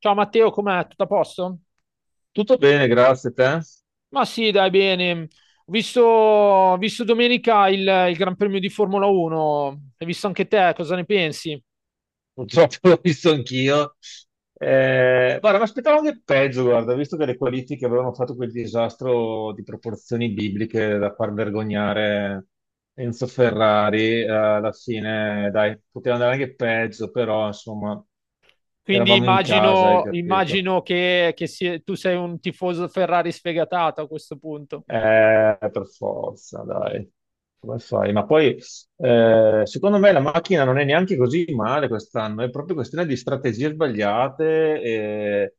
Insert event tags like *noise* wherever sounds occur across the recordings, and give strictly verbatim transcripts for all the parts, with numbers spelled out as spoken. Ciao Matteo, com'è? Tutto a posto? Tutto bene, grazie a te. Ma sì, dai, bene. Ho visto, ho visto domenica il, il Gran Premio di Formula uno. Hai visto anche te, cosa ne pensi? Purtroppo *laughs* l'ho visto anch'io. Eh, guarda, mi aspettavo anche peggio, guarda, visto che le qualifiche avevano fatto quel disastro di proporzioni bibliche da far vergognare Enzo Ferrari, eh, alla fine, dai, poteva andare anche peggio, però insomma, Quindi eravamo in casa, hai immagino, capito? immagino che, che sia- tu sei un tifoso Ferrari sfegatato a questo punto. Eh, per forza, dai. Come fai? Ma poi, eh, secondo me, la macchina non è neanche così male quest'anno, è proprio questione di strategie sbagliate e,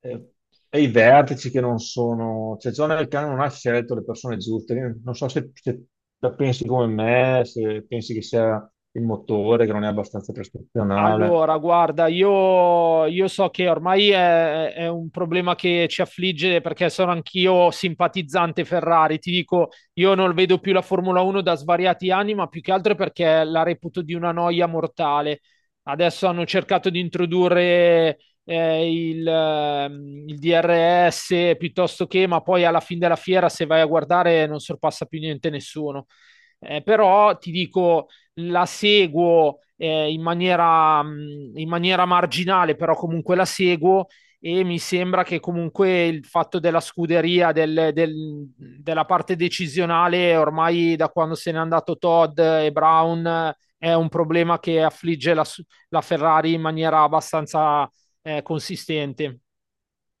e- e i vertici che non sono... Cioè, John Elkann non ha scelto le persone giuste. Io non so se, se la pensi come me, se pensi che sia il motore, che non è abbastanza prestazionale. Allora, guarda, io, io so che ormai è, è un problema che ci affligge perché sono anch'io simpatizzante Ferrari. Ti dico, io non vedo più la Formula uno da svariati anni, ma più che altro perché la reputo di una noia mortale. Adesso hanno cercato di introdurre eh, il, ehm, il D R S piuttosto che, ma poi alla fine della fiera, se vai a guardare, non sorpassa più niente nessuno. Eh, però ti dico la seguo eh, in maniera, mh, in maniera marginale, però comunque la seguo e mi sembra che comunque il fatto della scuderia, del- del- della parte decisionale, ormai da quando se n'è andato Todd e Brown, eh, è un problema che affligge la, su- la Ferrari in maniera abbastanza eh, consistente.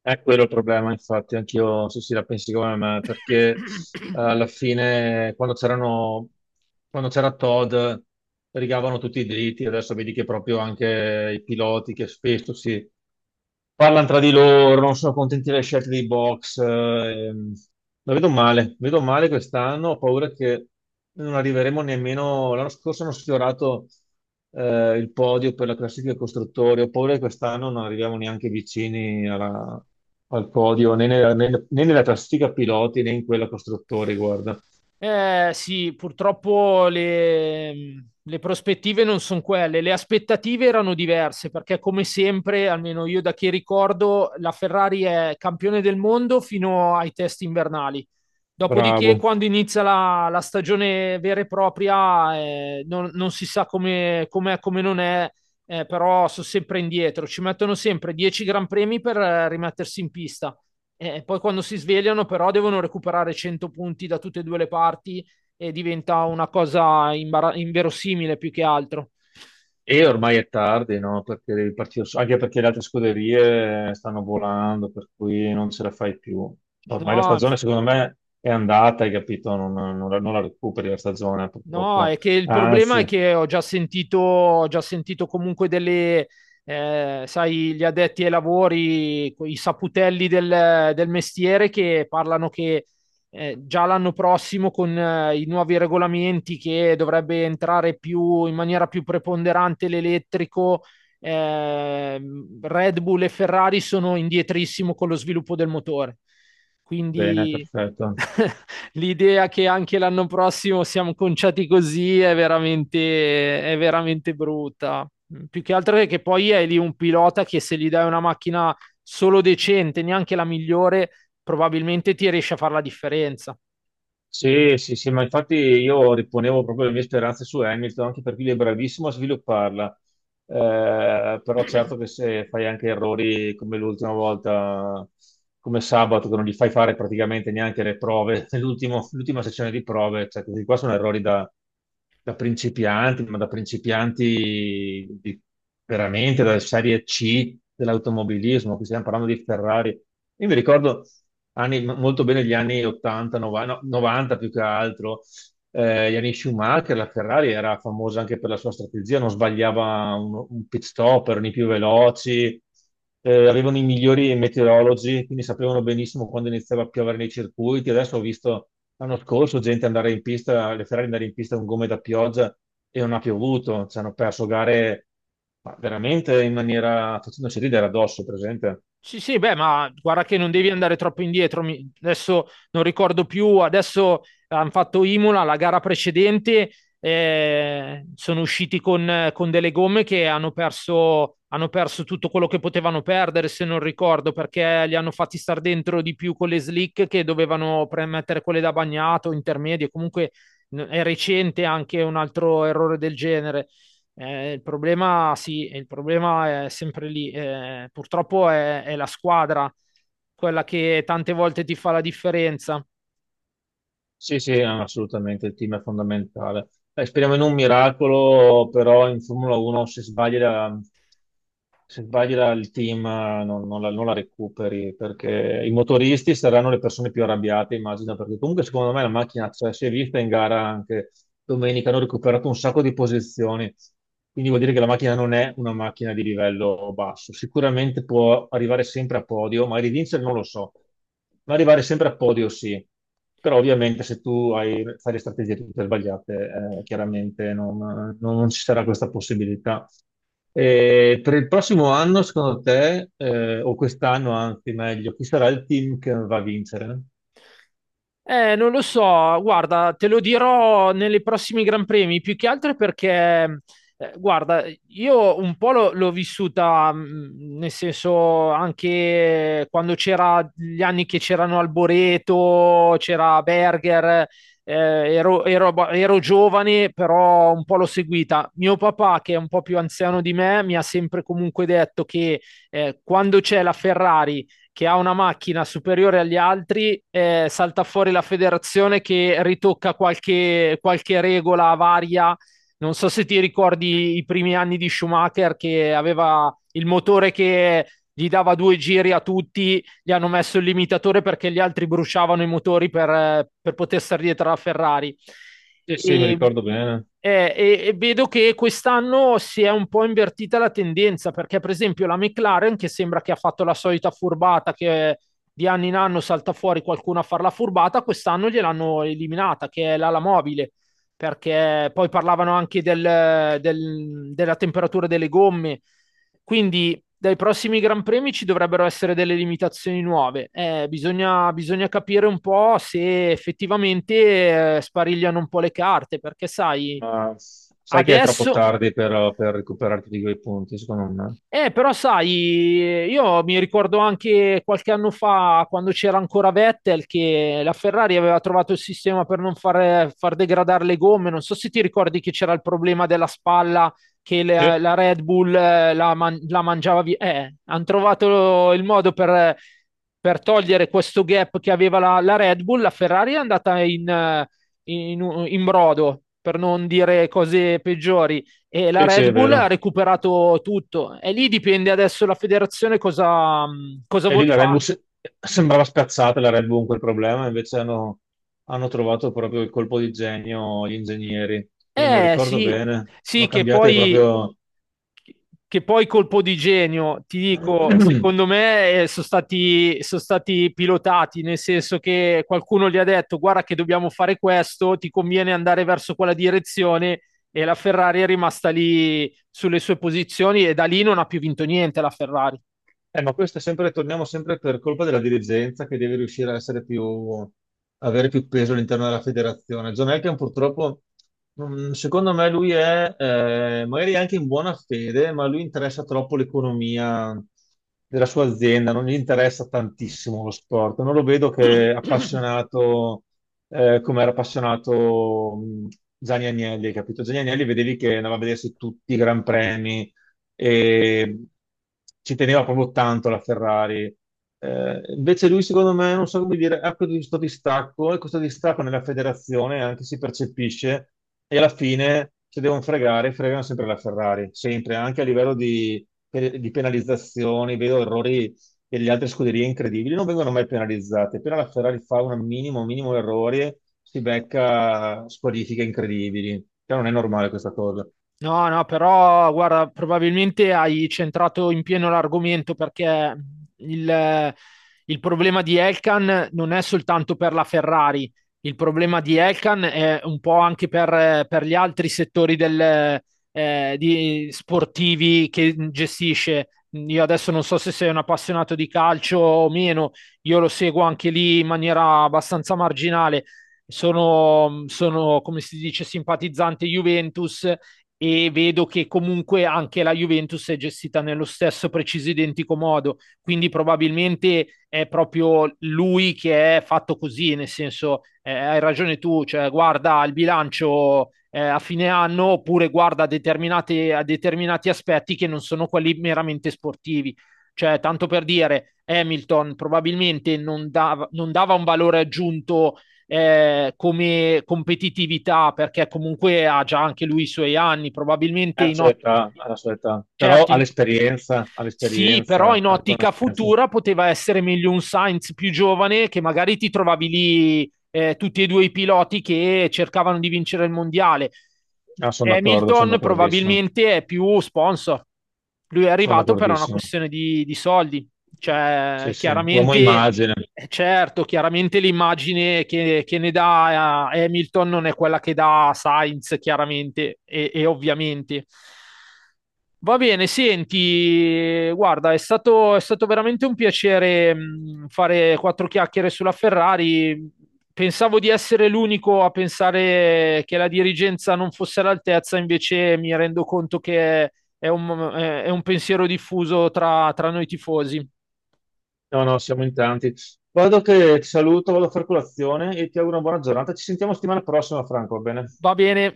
È quello il problema, infatti, anch'io sì, sì, la pensi come me, perché eh, *coughs* *laughs* alla fine quando c'erano, quando c'era Todd rigavano tutti i diritti, adesso vedi che proprio anche i piloti che spesso si, parlano tra di loro, non sono contenti delle scelte dei box. eh, ehm. La vedo male, vedo male quest'anno, ho paura che non arriveremo nemmeno. L'anno scorso hanno sfiorato eh, il podio per la classifica dei costruttori, ho paura che quest'anno non arriviamo neanche vicini alla- al podio, né nella, né- né nella classifica piloti né in quella costruttori, guarda. Eh, sì, purtroppo le, le prospettive non sono quelle, le aspettative erano diverse perché come sempre, almeno io da che ricordo, la Ferrari è campione del mondo fino ai test invernali. Dopodiché, Bravo. quando inizia la, la stagione vera e propria, eh, non, non si sa come com'è, come non è, eh, però sono sempre indietro. Ci mettono sempre dieci Gran Premi per eh, rimettersi in pista. Eh, poi quando si svegliano però devono recuperare cento punti da tutte e due le parti e diventa una cosa imbara- inverosimile più che altro. E ormai è tardi, no? Perché devi partire, su- anche perché le altre scuderie stanno volando, per cui non ce la fai più. Ormai la No, stagione, secondo me, è andata, hai capito? Non, non la, non la recuperi la stagione, no, è purtroppo. che il problema Anzi, è che ho già sentito, ho già sentito comunque delle, eh, sai, gli addetti ai lavori, i saputelli del, del mestiere che parlano che eh, già l'anno prossimo con eh, i nuovi regolamenti che dovrebbe entrare più, in maniera più preponderante l'elettrico, ehm, Red Bull e Ferrari sono indietrissimo con lo sviluppo del motore. bene, Quindi... perfetto. *laughs* L'idea che anche l'anno prossimo siamo conciati così è veramente, è veramente brutta. Più che altro è che poi è lì un pilota che se gli dai una macchina solo decente, neanche la migliore, probabilmente ti riesce a fare la differenza. Sì, sì, sì, ma infatti io riponevo proprio le mie speranze su Hamilton, anche perché lui è bravissimo a svilupparla. Eh, però certo che se fai anche errori come l'ultima volta, come sabato, che non gli fai fare praticamente neanche le prove, *laughs* l'ultimo- l'ultima sessione di prove, cioè questi qua sono errori da, da principianti, ma da principianti di- veramente dalla serie C dell'automobilismo, qui stiamo parlando di Ferrari. Io mi ricordo anni- molto bene gli anni ottanta, novanta, no, novanta più che altro eh, Yannick Schumacher, la Ferrari era famosa anche per la sua strategia, non sbagliava un, un pit stop, erano i più veloci, eh, avevano i migliori meteorologi, quindi sapevano benissimo quando iniziava a piovere nei circuiti. Adesso ho visto l'anno scorso gente andare in pista, le Ferrari andare in pista con gomme da pioggia e non ha piovuto, ci hanno perso gare ma veramente in maniera facendoci ridere addosso, presente. Sì, sì, beh, ma guarda che non devi andare troppo indietro. Mi- Adesso non ricordo più, adesso hanno fatto Imola, la gara precedente, eh, sono usciti con, con delle gomme che hanno perso, hanno perso tutto quello che potevano perdere, se non ricordo, perché li hanno fatti star dentro di più con le slick che dovevano premettere quelle da bagnato, intermedie. Comunque n- è recente anche un altro errore del genere. Eh, il problema, sì, il problema è sempre lì. Eh, purtroppo è, è la squadra quella che tante volte ti fa la differenza. Sì, sì, assolutamente, il team è fondamentale. Eh, speriamo in un miracolo, però in Formula uno se sbagli la- se sbagli la- il team eh, non, non la, non la recuperi, perché i motoristi saranno le persone più arrabbiate, immagino, perché comunque secondo me la macchina c'è, si è vista in gara anche domenica, hanno recuperato un sacco di posizioni, quindi vuol dire che la macchina non è una macchina di livello basso. Sicuramente può arrivare sempre a podio, magari vincere non lo so, ma arrivare sempre a podio sì. Però ovviamente se tu hai- fai le strategie tutte sbagliate, eh, chiaramente non, non ci sarà questa possibilità. E per il prossimo anno, secondo te, eh, o quest'anno anzi meglio, chi sarà il team che va a vincere? Eh, non lo so, guarda, te lo dirò nei prossimi Gran Premi, più che altro perché, eh, guarda, io un po' l'ho l'ho vissuta, mh, nel senso anche quando c'era gli anni che c'erano Alboreto, c'era Berger, eh, ero, ero- ero giovane, però un po' l'ho seguita. Mio papà, che è un po' più anziano di me, mi ha sempre comunque detto che eh, quando c'è la Ferrari che ha una macchina superiore agli altri, eh, salta fuori la federazione che ritocca qualche, qualche regola varia. Non so se ti ricordi i primi anni di Schumacher che aveva il motore che gli dava due giri a tutti gli hanno messo il limitatore perché gli altri bruciavano i motori per, eh, per poter stare dietro alla Ferrari. Eh sì, mi E, ricordo bene. eh, e, e vedo che quest'anno si è un po' invertita la tendenza perché, per esempio, la McLaren, che sembra che ha fatto la solita furbata che di anno in anno salta fuori qualcuno a fare la furbata, quest'anno gliel'hanno eliminata, che è l'ala mobile, perché poi parlavano anche del, del, della temperatura delle gomme. Quindi dai prossimi Gran Premi ci dovrebbero essere delle limitazioni nuove. Eh, bisogna, bisogna capire un po' se effettivamente eh, sparigliano un po' le carte, perché sai, Ma sai che è troppo adesso tardi per, per recuperarti di quei punti, secondo me. eh, però sai, io mi ricordo anche qualche anno fa, quando c'era ancora Vettel, che la Ferrari aveva trovato il sistema per non fare- far degradare le gomme. Non so se ti ricordi che c'era il problema della spalla, che Sì, la, la Red Bull eh, la, man- la mangiava via. Eh, hanno trovato il modo per, per togliere questo gap che aveva la, la Red Bull. La Ferrari è andata in eh, in- in brodo, per non dire cose peggiori e la sì, sì, Red è Bull ha vero. recuperato tutto e lì dipende adesso la federazione cosa, mh, cosa E vuol lì la Red Bull fare. se- sembrava spiazzata la Red Bull con quel problema, invece hanno, hanno trovato proprio il colpo di genio gli ingegneri. Non me lo Eh ricordo sì, bene, sono sì, che cambiate poi, proprio che poi colpo di genio, ti dico, *clears throat* secondo me eh, sono stati, sono stati pilotati, nel senso che qualcuno gli ha detto guarda che dobbiamo fare questo, ti conviene andare verso quella direzione e la Ferrari è rimasta lì sulle sue posizioni e da lì non ha più vinto niente la Ferrari. Eh, ma questo è sempre, torniamo sempre per colpa della dirigenza che deve riuscire a essere più, avere più peso all'interno della federazione. John Elkann purtroppo, mm, secondo me lui è, eh, magari anche in buona fede, ma lui interessa troppo l'economia della sua azienda, non gli interessa tantissimo lo sport. Non lo vedo che *clears throat* è appassionato, eh, come era appassionato, mm, Gianni Agnelli, capito? Gianni Agnelli vedevi che andava a vedersi tutti i Gran Premi e ci teneva proprio tanto la Ferrari. Eh, invece lui, secondo me, non so come dire, ha questo distacco e questo distacco nella federazione anche si percepisce e alla fine se devono fregare, fregano sempre la Ferrari, sempre, anche a livello di, di penalizzazioni, vedo errori delle altre scuderie incredibili, non vengono mai penalizzate, appena la Ferrari fa un minimo, minimo errore si becca squalifiche incredibili, cioè, non è normale questa cosa. No, no, però guarda, probabilmente hai centrato in pieno l'argomento perché il, il problema di Elkan non è soltanto per la Ferrari, il problema di Elkan è un po' anche per, per gli altri settori del, eh, di- sportivi che gestisce. Io adesso non so se sei un appassionato di calcio o meno, io lo seguo anche lì in maniera abbastanza marginale. Sono, sono, come si dice, simpatizzante Juventus e vedo che comunque anche la Juventus è gestita nello stesso preciso identico modo, quindi probabilmente è proprio lui che è fatto così, nel senso eh, hai ragione tu, cioè guarda il bilancio eh, a fine anno oppure guarda determinate, a determinati aspetti che non sono quelli meramente sportivi. Cioè, tanto per dire, Hamilton probabilmente non dava, non dava un valore aggiunto eh, come competitività, perché comunque ha già anche lui i suoi anni, probabilmente Alla in, sua otto, età, alla sua età, però certo in, all'esperienza, sì, però all'esperienza, in alla ottica conoscenza. futura poteva essere meglio un Sainz più giovane che magari ti trovavi lì eh, tutti e due i piloti che cercavano di vincere il mondiale. Ah, sono d'accordo, sono Hamilton d'accordissimo, probabilmente è più sponsor. Lui è sono arrivato per una d'accordissimo. questione di, di soldi. Cioè, Sì, sì, uomo chiaramente, immagine. eh, certo, chiaramente l'immagine che, che ne dà eh, Hamilton non è quella che dà Sainz, chiaramente e e ovviamente. Va bene, senti, guarda, è stato, è stato veramente un piacere mh, fare quattro chiacchiere sulla Ferrari. Pensavo di essere l'unico a pensare che la dirigenza non fosse all'altezza, invece mi rendo conto che è un, è un pensiero diffuso tra, tra noi tifosi. No, no, siamo in tanti. Guardo che ti saluto, vado a fare colazione e ti auguro una buona giornata. Ci sentiamo settimana prossima, Franco, va bene? Va bene,